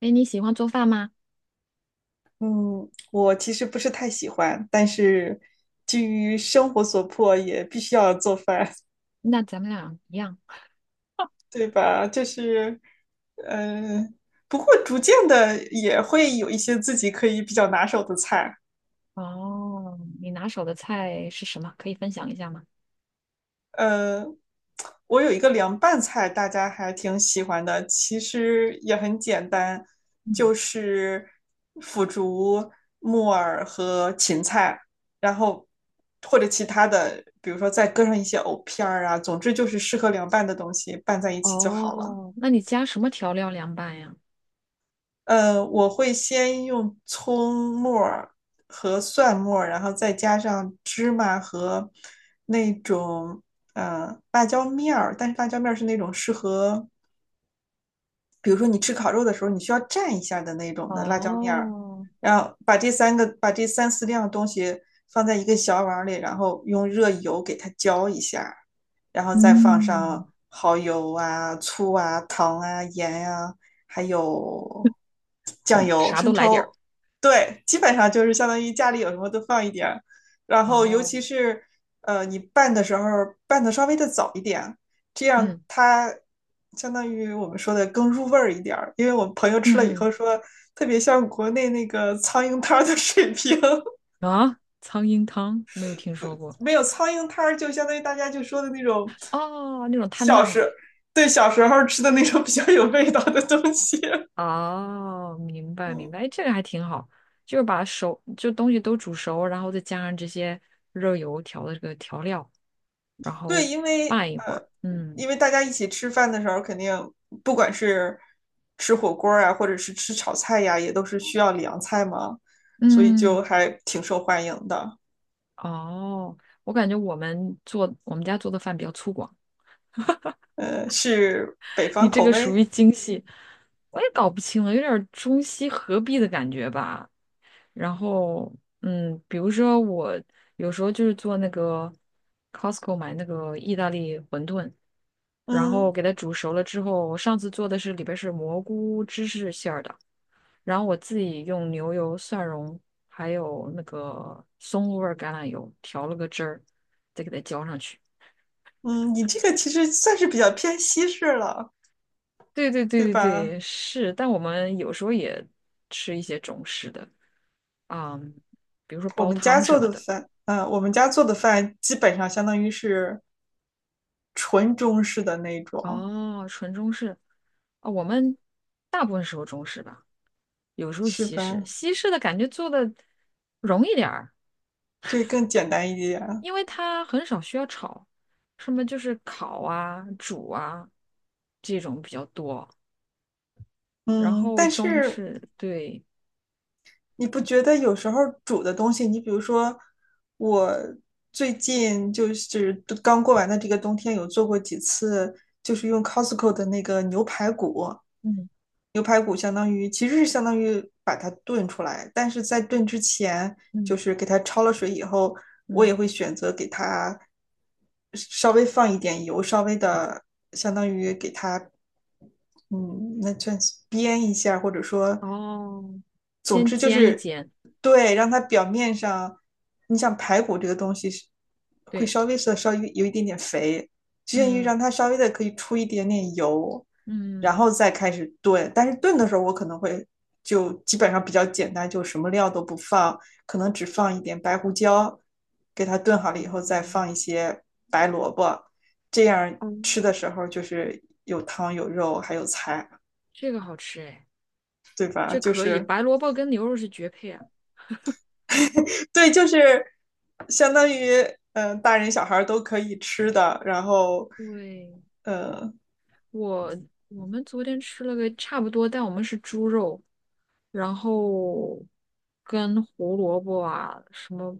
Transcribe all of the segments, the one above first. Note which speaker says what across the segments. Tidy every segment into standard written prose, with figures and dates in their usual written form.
Speaker 1: 哎，你喜欢做饭吗？
Speaker 2: 嗯，我其实不是太喜欢，但是基于生活所迫，也必须要做饭，
Speaker 1: 那咱们俩一样。
Speaker 2: 对吧？就是，嗯、不过逐渐的也会有一些自己可以比较拿手的菜。
Speaker 1: 哦，你拿手的菜是什么？可以分享一下吗？
Speaker 2: 呃，我有一个凉拌菜，大家还挺喜欢的，其实也很简单，
Speaker 1: 嗯。
Speaker 2: 就是腐竹、木耳和芹菜，然后或者其他的，比如说再搁上一些藕片儿啊，总之就是适合凉拌的东西拌在一起就好了。
Speaker 1: 哦，那你加什么调料凉拌呀？
Speaker 2: 我会先用葱末儿和蒜末儿，然后再加上芝麻和那种辣椒面儿，但是辣椒面儿是那种适合比如说你吃烤肉的时候，你需要蘸一下的那种的辣椒面儿，
Speaker 1: 哦。
Speaker 2: 然后把这三四样东西放在一个小碗里，然后用热油给它浇一下，然后再放
Speaker 1: 嗯。
Speaker 2: 上蚝油啊、醋啊、糖啊、盐啊，还有酱
Speaker 1: 懂了，
Speaker 2: 油、
Speaker 1: 啥都
Speaker 2: 生
Speaker 1: 来点儿。
Speaker 2: 抽，对，基本上就是相当于家里有什么都放一点儿，然后尤
Speaker 1: 哦。
Speaker 2: 其是你拌的时候拌的稍微的早一点，这样
Speaker 1: 嗯
Speaker 2: 它相当于我们说的更入味儿一点儿。因为我朋友吃了以
Speaker 1: 嗯
Speaker 2: 后说，特别像国内那个苍蝇摊儿的水平，
Speaker 1: 嗯，啊，苍蝇汤没有听说过。
Speaker 2: 没有苍蝇摊儿，就相当于大家就说的那种
Speaker 1: 哦，那种摊
Speaker 2: 小
Speaker 1: 档。
Speaker 2: 时对，小时候吃的那种比较有味道的东西。
Speaker 1: 哦，明白明
Speaker 2: 嗯，
Speaker 1: 白。哎，这个还挺好，就是把熟就东西都煮熟，然后再加上这些热油调的这个调料，然
Speaker 2: 对，
Speaker 1: 后
Speaker 2: 因为
Speaker 1: 拌一会儿。嗯
Speaker 2: 大家一起吃饭的时候，肯定不管是吃火锅啊，或者是吃炒菜呀，啊也都是需要凉菜嘛，所以
Speaker 1: 嗯。
Speaker 2: 就还挺受欢迎的。
Speaker 1: 哦，我感觉我们做我们家做的饭比较粗犷，
Speaker 2: 是北
Speaker 1: 你
Speaker 2: 方
Speaker 1: 这
Speaker 2: 口
Speaker 1: 个属
Speaker 2: 味。
Speaker 1: 于精细。我也搞不清了，有点儿中西合璧的感觉吧。然后比如说我有时候就是做那个 Costco 买那个意大利馄饨。然后
Speaker 2: 嗯
Speaker 1: 给它煮熟了之后，我上次做的是里边是蘑菇芝士馅儿的，然后我自己用牛油、蒜蓉还有那个松露味儿橄榄油调了个汁儿，再给它浇上去。
Speaker 2: 嗯，你这个其实算是比较偏西式了，
Speaker 1: 对对对
Speaker 2: 对
Speaker 1: 对
Speaker 2: 吧？
Speaker 1: 对，是，但我们有时候也吃一些中式的，啊，比如说煲汤什么的。
Speaker 2: 我们家做的饭基本上相当于是纯中式的那种，
Speaker 1: 哦，纯中式。啊、我们大部分时候中式吧，有时候
Speaker 2: 是
Speaker 1: 西式。
Speaker 2: 吧？
Speaker 1: 西式的感觉做的容易点儿，
Speaker 2: 对，更简单一点。
Speaker 1: 因为它很少需要炒，什么就是烤啊、煮啊这种比较多。然
Speaker 2: 嗯，
Speaker 1: 后
Speaker 2: 但
Speaker 1: 中
Speaker 2: 是
Speaker 1: 式，对。
Speaker 2: 你不觉得有时候煮的东西，你比如说我最近就是刚过完的这个冬天，有做过几次，就是用 Costco 的那个牛排骨。
Speaker 1: 嗯
Speaker 2: 牛排骨相当于其实是相当于把它炖出来，但是在炖之前，就
Speaker 1: 嗯。
Speaker 2: 是给它焯了水以后，我也
Speaker 1: 嗯。
Speaker 2: 会选择给它稍微放一点油，稍微的相当于给它嗯，那就编一下，或者说，
Speaker 1: 哦，
Speaker 2: 总
Speaker 1: 先
Speaker 2: 之就
Speaker 1: 煎一
Speaker 2: 是
Speaker 1: 煎。
Speaker 2: 对，让它表面上，你像排骨这个东西是会
Speaker 1: 对。
Speaker 2: 稍微有一点点肥，就限于
Speaker 1: 嗯
Speaker 2: 让它稍微的可以出一点点油，然
Speaker 1: 嗯。
Speaker 2: 后再开始炖。但是炖的时候，我可能会就基本上比较简单，就什么料都不放，可能只放一点白胡椒，给它炖好了以
Speaker 1: 哦。
Speaker 2: 后再放一些白萝卜，这样
Speaker 1: 哦，
Speaker 2: 吃的时候就是有汤有肉还有菜，
Speaker 1: 这个好吃哎。
Speaker 2: 对吧？
Speaker 1: 这
Speaker 2: 就
Speaker 1: 可以，
Speaker 2: 是
Speaker 1: 白萝卜跟牛肉是绝配啊。
Speaker 2: 对，就是相当于大人小孩都可以吃的。然后
Speaker 1: 对。
Speaker 2: 嗯
Speaker 1: 我我们昨天吃了个差不多，但我们是猪肉，然后跟胡萝卜啊、什么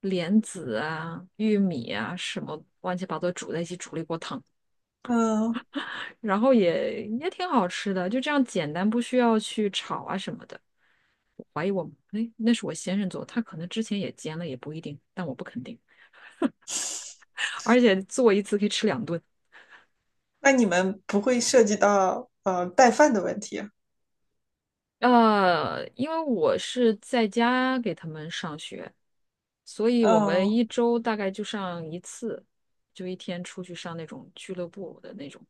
Speaker 1: 莲子啊、玉米啊什么乱七八糟煮在一起煮了一锅汤，
Speaker 2: 嗯，
Speaker 1: 然后也也挺好吃的，就这样简单，不需要去炒啊什么的。怀疑我，哎，那是我先生做的，他可能之前也煎了，也不一定，但我不肯定。而且做一次可以吃两顿。
Speaker 2: 那你们不会涉及到带饭的问题？
Speaker 1: 因为我是在家给他们上学，所以我们
Speaker 2: 嗯
Speaker 1: 一周大概就上一次，就一天出去上那种俱乐部的那种，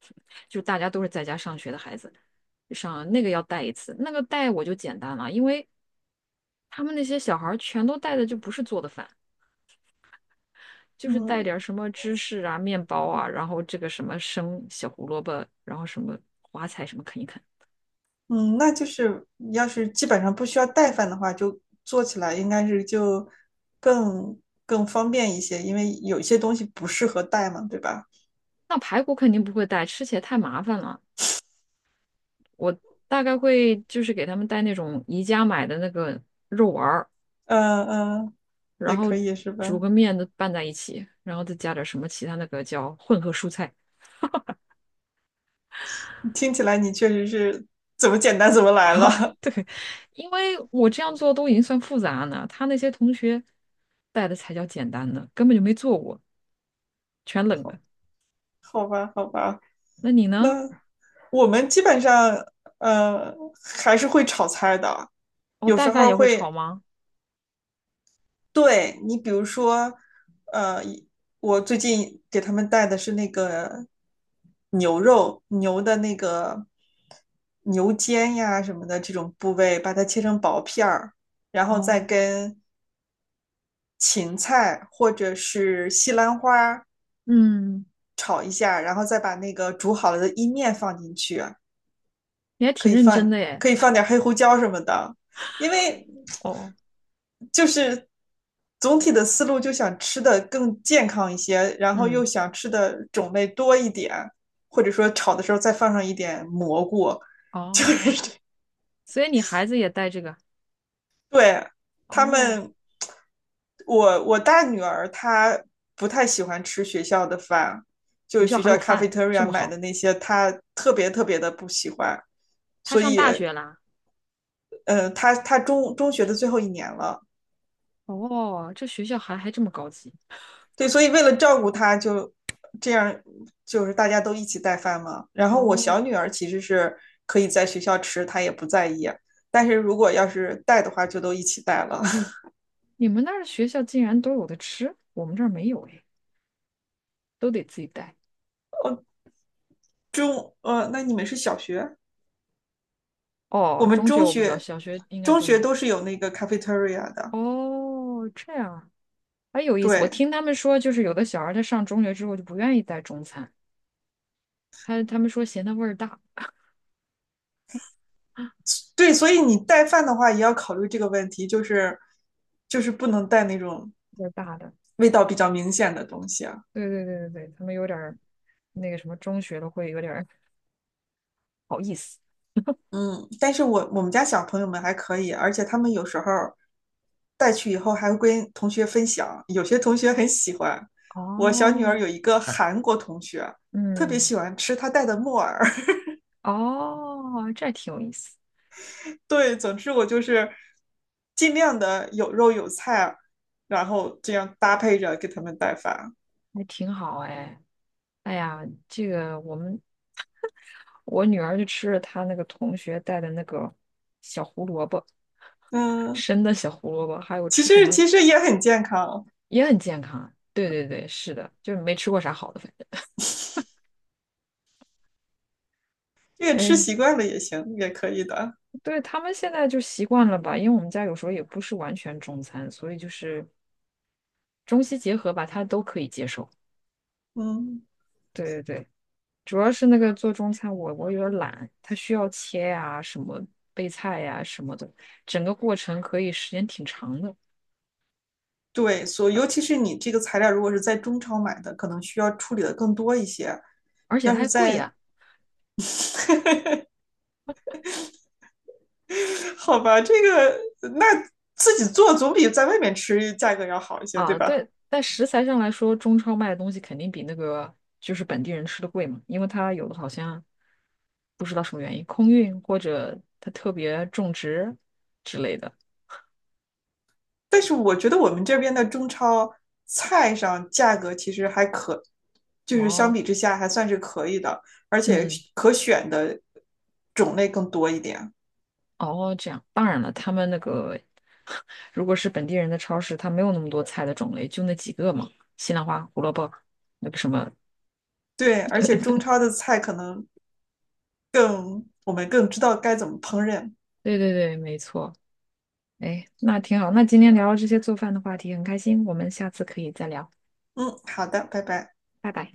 Speaker 1: 就大家都是在家上学的孩子，上那个要带一次，那个带我就简单了，因为他们那些小孩儿全都带的就不是做的饭，就是带
Speaker 2: 嗯
Speaker 1: 点儿什么芝士啊、面包啊，然后这个什么生小胡萝卜，然后什么花菜什么啃一啃。
Speaker 2: 嗯，那就是要是基本上不需要带饭的话，就做起来应该是就更更方便一些，因为有些东西不适合带嘛，对吧？
Speaker 1: 那排骨肯定不会带，吃起来太麻烦了，大概会就是给他们带那种宜家买的那个肉丸儿。
Speaker 2: 嗯嗯，
Speaker 1: 然
Speaker 2: 也
Speaker 1: 后
Speaker 2: 可以是
Speaker 1: 煮
Speaker 2: 吧？
Speaker 1: 个面都拌在一起，然后再加点什么其他那个叫混合蔬菜。
Speaker 2: 听起来你确实是怎么简单怎么 来
Speaker 1: 啊，
Speaker 2: 了。
Speaker 1: 对，因为我这样做都已经算复杂呢，他那些同学带的才叫简单的，根本就没做过，全冷的。
Speaker 2: 好，好吧，好吧。
Speaker 1: 那你
Speaker 2: 那
Speaker 1: 呢？
Speaker 2: 我们基本上，呃，还是会炒菜的，
Speaker 1: 哦，
Speaker 2: 有
Speaker 1: 带
Speaker 2: 时
Speaker 1: 饭
Speaker 2: 候
Speaker 1: 也会炒
Speaker 2: 会。
Speaker 1: 吗？
Speaker 2: 对你，比如说，呃，一我最近给他们带的是那个牛肉，牛的那个牛肩呀什么的这种部位，把它切成薄片儿，然后再跟芹菜或者是西兰花
Speaker 1: 嗯，
Speaker 2: 炒一下，然后再把那个煮好了的意面放进去，
Speaker 1: 你还
Speaker 2: 可
Speaker 1: 挺
Speaker 2: 以
Speaker 1: 认真
Speaker 2: 放
Speaker 1: 的耶。
Speaker 2: 可以放点黑胡椒什么的，因为
Speaker 1: 哦。
Speaker 2: 就是总体的思路就想吃的更健康一些，然后又
Speaker 1: 嗯。
Speaker 2: 想吃的种类多一点，或者说炒的时候再放上一点蘑菇，就
Speaker 1: 哦，所以你孩子也带这个？
Speaker 2: 对，他
Speaker 1: 哦，
Speaker 2: 们，我大女儿她不太喜欢吃学校的饭，就
Speaker 1: 学
Speaker 2: 是
Speaker 1: 校
Speaker 2: 学
Speaker 1: 还
Speaker 2: 校
Speaker 1: 有饭，这
Speaker 2: cafeteria
Speaker 1: 么
Speaker 2: 买的
Speaker 1: 好。
Speaker 2: 那些，她特别特别的不喜欢，
Speaker 1: 他
Speaker 2: 所
Speaker 1: 上
Speaker 2: 以，
Speaker 1: 大学啦？
Speaker 2: 她中学的最后一年了，
Speaker 1: 哦，这学校还还这么高级。
Speaker 2: 对，所以为了照顾她就这样，就是大家都一起带饭嘛。然后我
Speaker 1: 哦，
Speaker 2: 小女儿其实是可以在学校吃，她也不在意，但是如果要是带的话，就都一起带了。
Speaker 1: 你们那儿学校竟然都有的吃，我们这儿没有哎，都得自己带。
Speaker 2: 那你们是小学？我
Speaker 1: 哦，
Speaker 2: 们
Speaker 1: 中学
Speaker 2: 中
Speaker 1: 我不知道，
Speaker 2: 学
Speaker 1: 小学应该
Speaker 2: 中
Speaker 1: 都
Speaker 2: 学
Speaker 1: 没有。
Speaker 2: 都是有那个 cafeteria 的，
Speaker 1: 哦，这样还哎，有意思。我
Speaker 2: 对
Speaker 1: 听他们说，就是有的小孩儿他上中学之后就不愿意带中餐，他他们说嫌它味儿大，
Speaker 2: 对，所以你带饭的话也要考虑这个问题，就是不能带那种
Speaker 1: 味儿大的。
Speaker 2: 味道比较明显的东西啊。
Speaker 1: 对对对对对，他们有点儿那个什么，中学的会有点儿不好意思。
Speaker 2: 嗯，但是我们家小朋友们还可以，而且他们有时候带去以后还会跟同学分享，有些同学很喜欢。我小女儿
Speaker 1: 哦。
Speaker 2: 有一个 韩国同学，特别
Speaker 1: 嗯。
Speaker 2: 喜欢吃她带的木耳，
Speaker 1: 哦，这挺有意思，
Speaker 2: 对，总之我就是尽量的有肉有菜，然后这样搭配着给他们带饭。
Speaker 1: 还挺好哎。哎呀，这个我们我女儿就吃了她那个同学带的那个小胡萝卜，
Speaker 2: 嗯，
Speaker 1: 生的小胡萝卜，还有
Speaker 2: 其
Speaker 1: 吃什
Speaker 2: 实
Speaker 1: 么
Speaker 2: 其实也很健康，
Speaker 1: 也很健康。对对对，是的，就是没吃过啥好的，反正。
Speaker 2: 这个吃
Speaker 1: 哎，
Speaker 2: 习惯了也行，也可以的。
Speaker 1: 对，他们现在就习惯了吧，因为我们家有时候也不是完全中餐，所以就是中西结合吧，他都可以接受。
Speaker 2: 嗯，
Speaker 1: 对对对，主要是那个做中餐我，我有点懒，它需要切呀、什么备菜呀、什么的，整个过程可以时间挺长的，
Speaker 2: 对，尤其是你这个材料如果是在中超买的，可能需要处理的更多一些。
Speaker 1: 而且
Speaker 2: 要
Speaker 1: 它
Speaker 2: 是
Speaker 1: 还贵
Speaker 2: 在，
Speaker 1: 呀、
Speaker 2: 好吧，那自己做总比在外面吃价格要好一些，对
Speaker 1: 啊，
Speaker 2: 吧？
Speaker 1: 对，但食材上来说，中超卖的东西肯定比那个就是本地人吃的贵嘛，因为它有的好像不知道什么原因空运或者它特别种植之类的。
Speaker 2: 但是我觉得我们这边的中超菜上价格其实还可，就是相
Speaker 1: 哦。
Speaker 2: 比之下还算是可以的，而且
Speaker 1: 嗯。
Speaker 2: 可选的种类更多一点。
Speaker 1: 哦，这样。当然了，他们那个 如果是本地人的超市，它没有那么多菜的种类，就那几个嘛，西兰花、胡萝卜，那个什么。
Speaker 2: 对，而且中超的菜可能更，我们更知道该怎么烹饪。
Speaker 1: 对对对，没错。哎，那挺好。那今天聊了这些做饭的话题，很开心。我们下次可以再聊，
Speaker 2: 嗯，好的，拜拜。
Speaker 1: 拜拜。